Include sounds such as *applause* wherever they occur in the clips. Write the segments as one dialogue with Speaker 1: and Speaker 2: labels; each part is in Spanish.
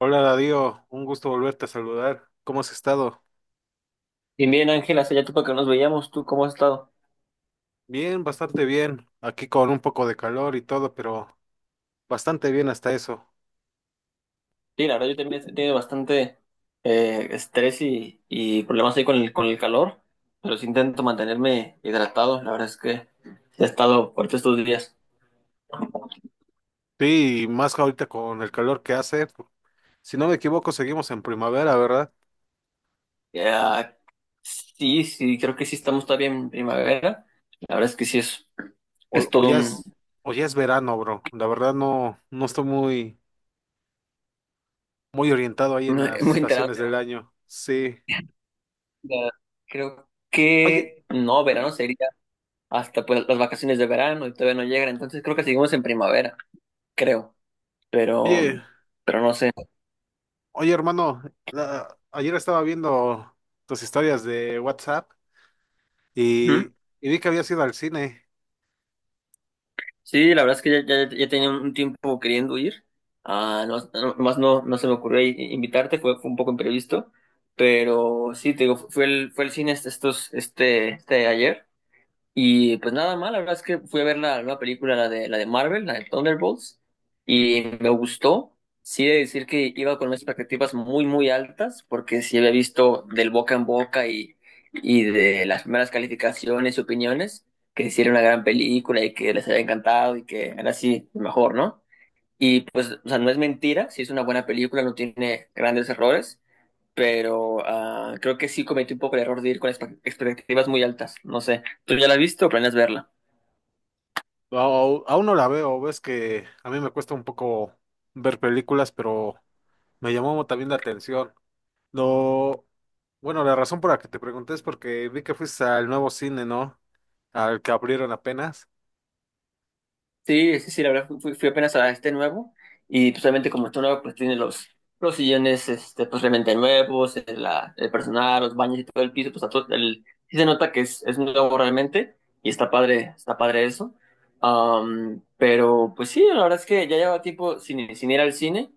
Speaker 1: Hola Darío, un gusto volverte a saludar. ¿Cómo has estado?
Speaker 2: Y bien, Ángela, hace ya tiempo que nos veíamos, ¿tú cómo has estado?
Speaker 1: Bien, bastante bien. Aquí con un poco de calor y todo, pero bastante bien hasta eso.
Speaker 2: Sí, la verdad yo también he tenido bastante estrés y problemas ahí con con el calor, pero sí intento mantenerme hidratado, la verdad es que sí he estado fuerte estos días.
Speaker 1: Sí, y más ahorita con el calor que hace. Si no me equivoco, seguimos en primavera, ¿verdad?
Speaker 2: Ya, sí, creo que sí estamos todavía en primavera, la verdad es que
Speaker 1: O,
Speaker 2: es
Speaker 1: o
Speaker 2: todo
Speaker 1: ya
Speaker 2: un...
Speaker 1: es, o ya es verano, bro. La verdad no, no estoy muy, muy orientado ahí en las
Speaker 2: muy enterado.
Speaker 1: estaciones del año. Sí.
Speaker 2: Ya, creo que
Speaker 1: Oye,
Speaker 2: no, verano sería hasta pues las vacaciones de verano y todavía no llegan, entonces creo que seguimos en primavera, creo. pero,
Speaker 1: oye,
Speaker 2: pero no sé.
Speaker 1: oye, hermano, ayer estaba viendo tus historias de WhatsApp
Speaker 2: Ujú.
Speaker 1: y, y vi que habías ido al cine.
Speaker 2: Sí, la verdad es que ya tenía un tiempo queriendo ir. Ah, no, no- más no, no se me ocurrió invitarte, fue un poco imprevisto, pero sí, te digo, fue el cine este ayer. Y pues nada mal, la verdad es que fui a ver la nueva película, la de Marvel, la de Thunderbolts, y me gustó. Sí, he de decir que iba con unas expectativas muy altas, porque sí había visto del boca en boca y de las primeras calificaciones y opiniones, que hicieron una gran película y que les había encantado y que era así mejor, ¿no? Y pues, o sea, no es mentira, sí es una buena película, no tiene grandes errores, pero creo que sí cometí un poco el error de ir con expectativas muy altas. No sé, ¿tú ya la has visto o planeas verla?
Speaker 1: Aún no la veo, ves que a mí me cuesta un poco ver películas, pero me llamó también la atención. Lo, bueno, la razón por la que te pregunté es porque vi que fuiste al nuevo cine, ¿no? Al que abrieron apenas.
Speaker 2: Sí, la verdad fui apenas a este nuevo, y pues obviamente como está nuevo pues tiene los sillones este, pues realmente nuevos, el personal, los baños y todo el piso, pues a todo, el, sí se nota que es nuevo realmente y está padre eso. Pero pues sí, la verdad es que ya lleva tiempo sin ir al cine,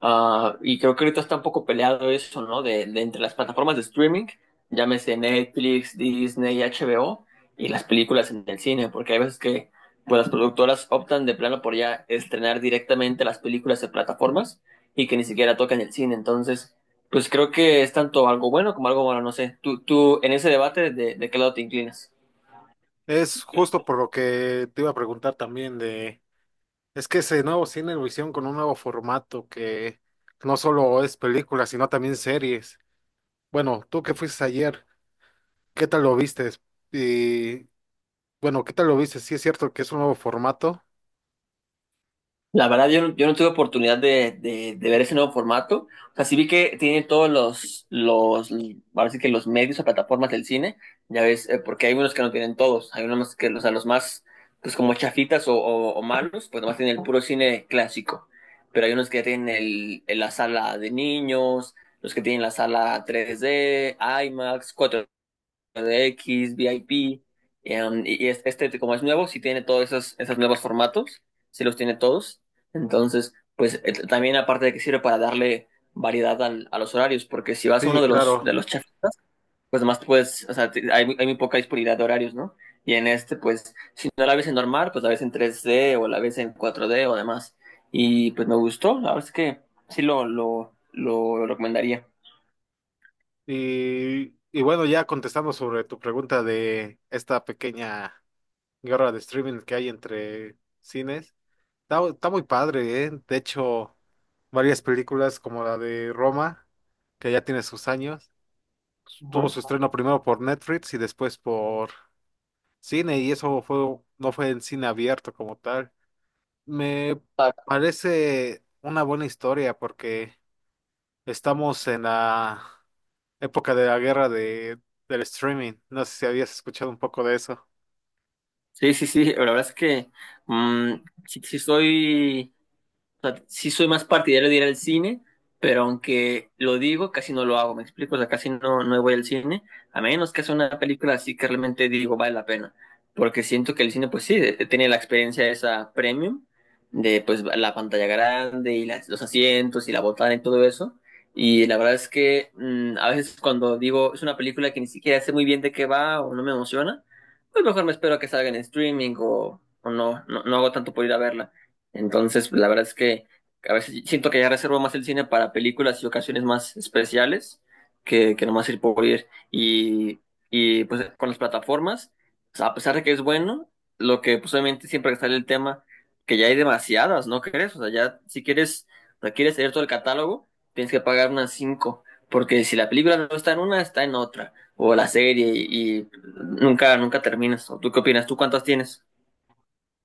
Speaker 2: ah, y creo que ahorita está un poco peleado eso, ¿no? De entre las plataformas de streaming, llámese Netflix, Disney, HBO y las películas en el cine, porque hay veces que pues las productoras optan de plano por ya estrenar directamente las películas en plataformas y que ni siquiera tocan el cine. Entonces, pues creo que es tanto algo bueno como algo malo, no sé. Tú en ese debate, de qué lado te inclinas?
Speaker 1: Es justo por lo que te iba a preguntar también es que ese nuevo cine lo hicieron con un nuevo formato que no solo es películas, sino también series. Bueno, tú que fuiste ayer, ¿qué tal lo viste? Y bueno, ¿qué tal lo viste? ¿Sí es cierto que es un nuevo formato?
Speaker 2: La verdad, yo no tuve oportunidad de ver ese nuevo formato. O sea, sí vi que tienen todos ahora sí que los medios o plataformas del cine, ya ves, porque hay unos que no tienen todos. Hay unos más que, o sea, los más, pues como chafitas o malos, pues nomás tienen el puro cine clásico. Pero hay unos que ya tienen la sala de niños, los que tienen la sala 3D, IMAX, de DX, VIP, y este como es nuevo, sí tiene todos esos nuevos formatos, sí los tiene todos. Entonces, pues también aparte de que sirve para darle variedad a los horarios, porque si vas a
Speaker 1: Sí,
Speaker 2: uno de
Speaker 1: claro.
Speaker 2: de los chafas, pues nomás te puedes, o sea, hay muy poca disponibilidad de horarios, ¿no? Y en este, pues, si no la ves en normal, pues la ves en 3D o la ves en 4D o demás. Y pues me gustó, la verdad es que sí lo recomendaría.
Speaker 1: Y bueno, ya contestando sobre tu pregunta de esta pequeña guerra de streaming que hay entre cines, está muy padre, ¿eh? De hecho, varias películas como la de Roma, que ya tiene sus años, tuvo
Speaker 2: Ujú.
Speaker 1: su estreno primero por Netflix y después por cine, y eso fue, no fue en cine abierto como tal. Me parece una buena historia porque estamos en la época de la guerra del streaming. No sé si habías escuchado un poco de eso.
Speaker 2: Sí, la verdad es que mm, sí soy... O sea, sí soy más partidario de ir al cine, pero aunque lo digo, casi no lo hago, ¿me explico? O sea, casi no, no voy al cine, a menos que sea una película así que realmente digo vale la pena. Porque siento que el cine, pues sí, tiene la experiencia esa premium de pues la pantalla grande y los asientos y la botana y todo eso. Y la verdad es que a veces cuando digo es una película que ni siquiera sé muy bien de qué va o no me emociona, pues mejor me espero a que salga en streaming o no, no, no hago tanto por ir a verla. Entonces, la verdad es que a veces siento que ya reservo más el cine para películas y ocasiones más especiales que nomás ir por ir. Y pues con las plataformas, o sea, a pesar de que es bueno, lo que pues obviamente siempre está el tema que ya hay demasiadas, ¿no crees? O sea, ya si quieres, o sea, quieres tener todo el catálogo, tienes que pagar unas cinco. Porque si la película no está en una, está en otra. O la serie y nunca terminas. ¿O tú qué opinas? ¿Tú cuántas tienes?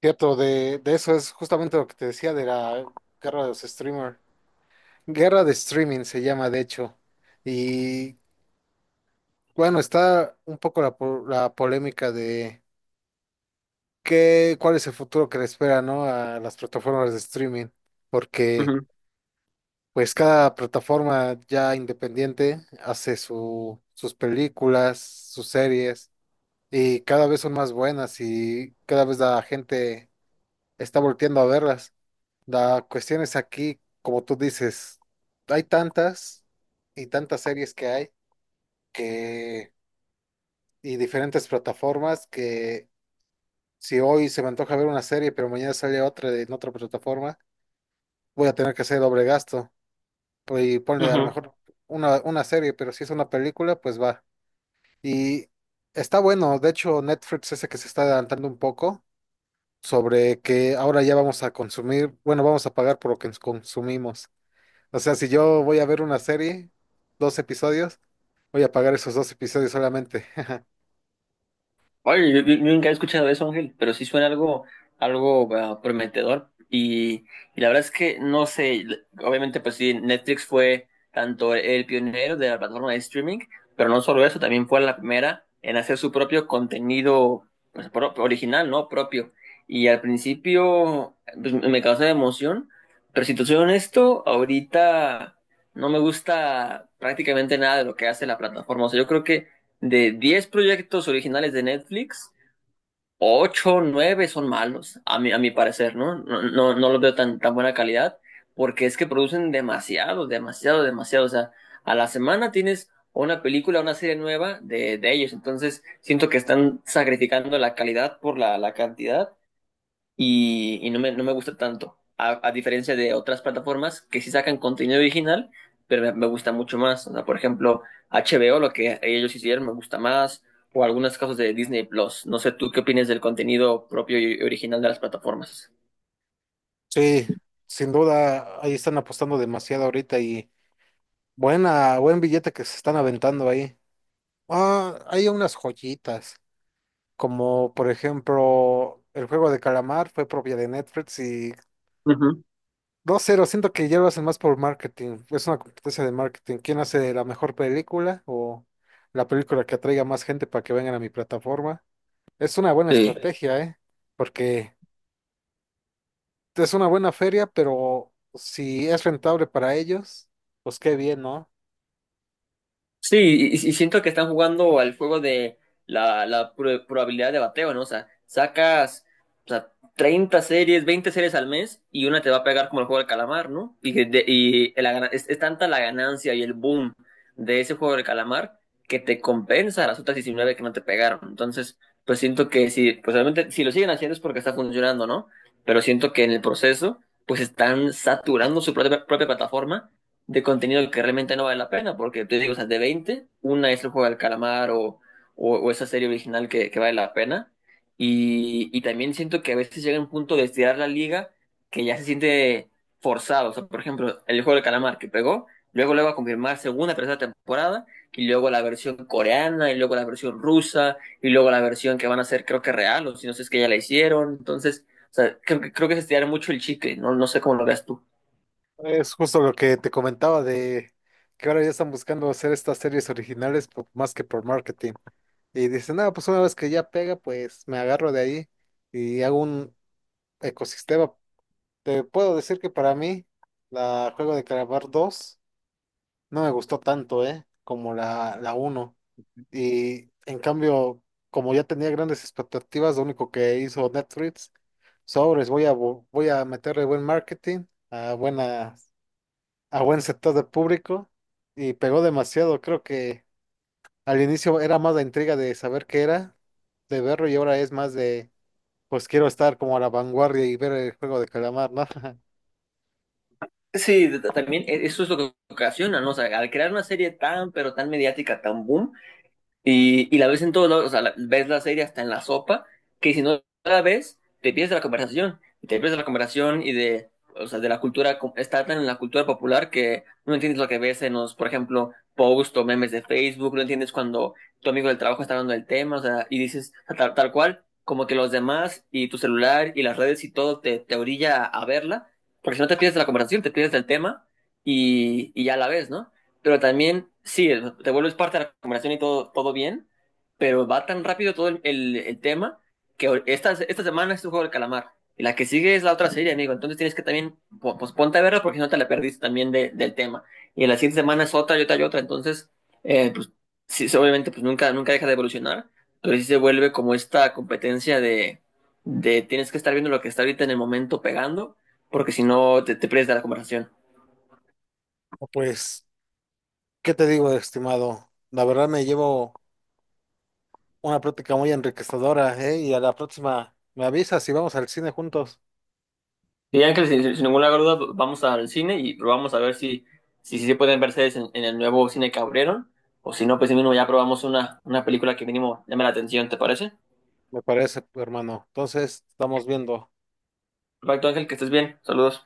Speaker 1: Cierto, de eso es justamente lo que te decía de la guerra de los streamers. Guerra de streaming se llama, de hecho. Y bueno, está un poco la polémica de cuál es el futuro que le espera, ¿no? A las plataformas de streaming. Porque
Speaker 2: Ujú,
Speaker 1: pues cada plataforma ya independiente hace sus películas, sus series. Y cada vez son más buenas y cada vez la gente está volteando a verlas. La cuestión es aquí, como tú dices, hay tantas y tantas series que hay que y diferentes plataformas que si hoy se me antoja ver una serie, pero mañana sale otra en otra plataforma, voy a tener que hacer doble gasto. Pues, y ponle a lo
Speaker 2: ujú.
Speaker 1: mejor una serie, pero si es una película, pues va. Y está bueno, de hecho Netflix ese que se está adelantando un poco sobre que ahora ya vamos a consumir, bueno, vamos a pagar por lo que consumimos. O sea, si yo voy a ver una serie, dos episodios, voy a pagar esos dos episodios solamente. *laughs*
Speaker 2: Oye, yo nunca he escuchado eso, Ángel, pero sí suena algo prometedor. Y la verdad es que no sé, obviamente, pues sí, Netflix fue tanto el pionero de la plataforma de streaming, pero no solo eso, también fue la primera en hacer su propio contenido pues, original, ¿no? Propio. Y al principio pues, me causó emoción, pero si te soy honesto, ahorita no me gusta prácticamente nada de lo que hace la plataforma. O sea, yo creo que de 10 proyectos originales de Netflix, 8, 9 son malos, a mi parecer, ¿no? No los veo tan, tan buena calidad, porque es que producen demasiado, demasiado, demasiado. O sea, a la semana tienes una película, una serie nueva de ellos. Entonces, siento que están sacrificando la calidad por la cantidad y no me gusta tanto, a diferencia de otras plataformas que sí sacan contenido original, pero me gusta mucho más. O sea, por ejemplo, HBO, lo que ellos hicieron, me gusta más, o algunos casos de Disney Plus. No sé, ¿tú qué opinas del contenido propio y original de las plataformas?
Speaker 1: Sí, sin duda, ahí están apostando demasiado ahorita y buen billete que se están aventando ahí. Ah, hay unas joyitas, como por ejemplo, el juego de calamar fue propia de Netflix y
Speaker 2: Ujú.
Speaker 1: dos cero siento que ya lo hacen más por marketing. Es una competencia de marketing. ¿Quién hace la mejor película o la película que atraiga más gente para que vengan a mi plataforma? Es una buena, sí,
Speaker 2: Sí.
Speaker 1: estrategia, ¿eh? Porque es una buena feria, pero si es rentable para ellos, pues qué bien, ¿no?
Speaker 2: Sí, y siento que están jugando al juego de la probabilidad de bateo, ¿no? O sea, sacas, o sea, 30 series, 20 series al mes y una te va a pegar como el juego del calamar, ¿no? Y, que de- y la gana- Es tanta la ganancia y el boom de ese juego del calamar que te compensa las otras 19 que no te pegaron. Entonces, pues siento que si, pues realmente si lo siguen haciendo es porque está funcionando, ¿no? Pero siento que en el proceso, pues están saturando su propia plataforma de contenido que realmente no vale la pena, porque te digo, o sea, de 20 una es el juego del calamar o esa serie original que vale la pena. Y también siento que a veces llega un punto de estirar la liga que ya se siente forzado. O sea, por ejemplo, el juego del calamar que pegó, luego luego a confirmar segunda, tercera temporada, y luego la versión coreana, y luego la versión rusa, y luego la versión que van a hacer, creo que real, o si no sé, es que ya la hicieron. Entonces, o sea, creo que es estirar mucho el chicle, no, no sé cómo lo veas tú.
Speaker 1: Es justo lo que te comentaba de que ahora ya están buscando hacer estas series originales más que por marketing. Y dicen, no, pues una vez que ya pega, pues me agarro de ahí y hago un ecosistema. Te puedo decir que para mí la Juego de Calamar 2 no me gustó tanto, ¿eh? Como la uno. Y en cambio, como ya tenía grandes expectativas, lo único que hizo Netflix, sobres, voy a meterle buen marketing, a, buena, a buen sector de público, y pegó demasiado. Creo que al inicio era más la intriga de saber qué era, de verlo, y ahora es más pues quiero estar como a la vanguardia y ver el Juego de Calamar, ¿no? *laughs*
Speaker 2: Sí, también eso es lo que ocasiona, ¿no? O sea, al crear una serie tan, pero tan mediática, tan boom, y la ves en todos lados, o sea, ves la serie hasta en la sopa, que si no la ves, te pierdes de la conversación, y te pierdes de la conversación o sea, de la cultura, está tan en la cultura popular que no entiendes lo que ves en los, por ejemplo, posts o memes de Facebook, no entiendes cuando tu amigo del trabajo está hablando del tema, o sea, y dices tal, tal cual, como que los demás y tu celular y las redes y todo te orilla a verla, porque si no te pierdes de la conversación, te pierdes del tema y ya la ves, ¿no? Pero también, sí, te vuelves parte de la conversación y todo, todo bien, pero va tan rápido todo el tema que esta semana es un juego del calamar. Y la que sigue es la otra serie, amigo. Entonces tienes que también, pues ponte a verla porque si no te la perdiste también del tema. Y en la siguiente semana es otra y otra y otra. Entonces, pues sí, sí, obviamente, pues nunca deja de evolucionar, pero sí se vuelve como esta competencia de tienes que estar viendo lo que está ahorita en el momento pegando, porque si no te pierdes de la conversación.
Speaker 1: Pues, ¿qué te digo, estimado? La verdad me llevo una plática muy enriquecedora, ¿eh? Y a la próxima me avisas si vamos al cine juntos.
Speaker 2: Sí, Ángel, sin ninguna duda vamos al cine y probamos a ver si, si se pueden verse en el nuevo cine que abrieron, o si no, pues si mismo ya probamos una película que mínimo llame la atención, ¿te parece?
Speaker 1: Me parece, hermano. Entonces, estamos viendo.
Speaker 2: Perfecto, Ángel, que estés bien. Saludos.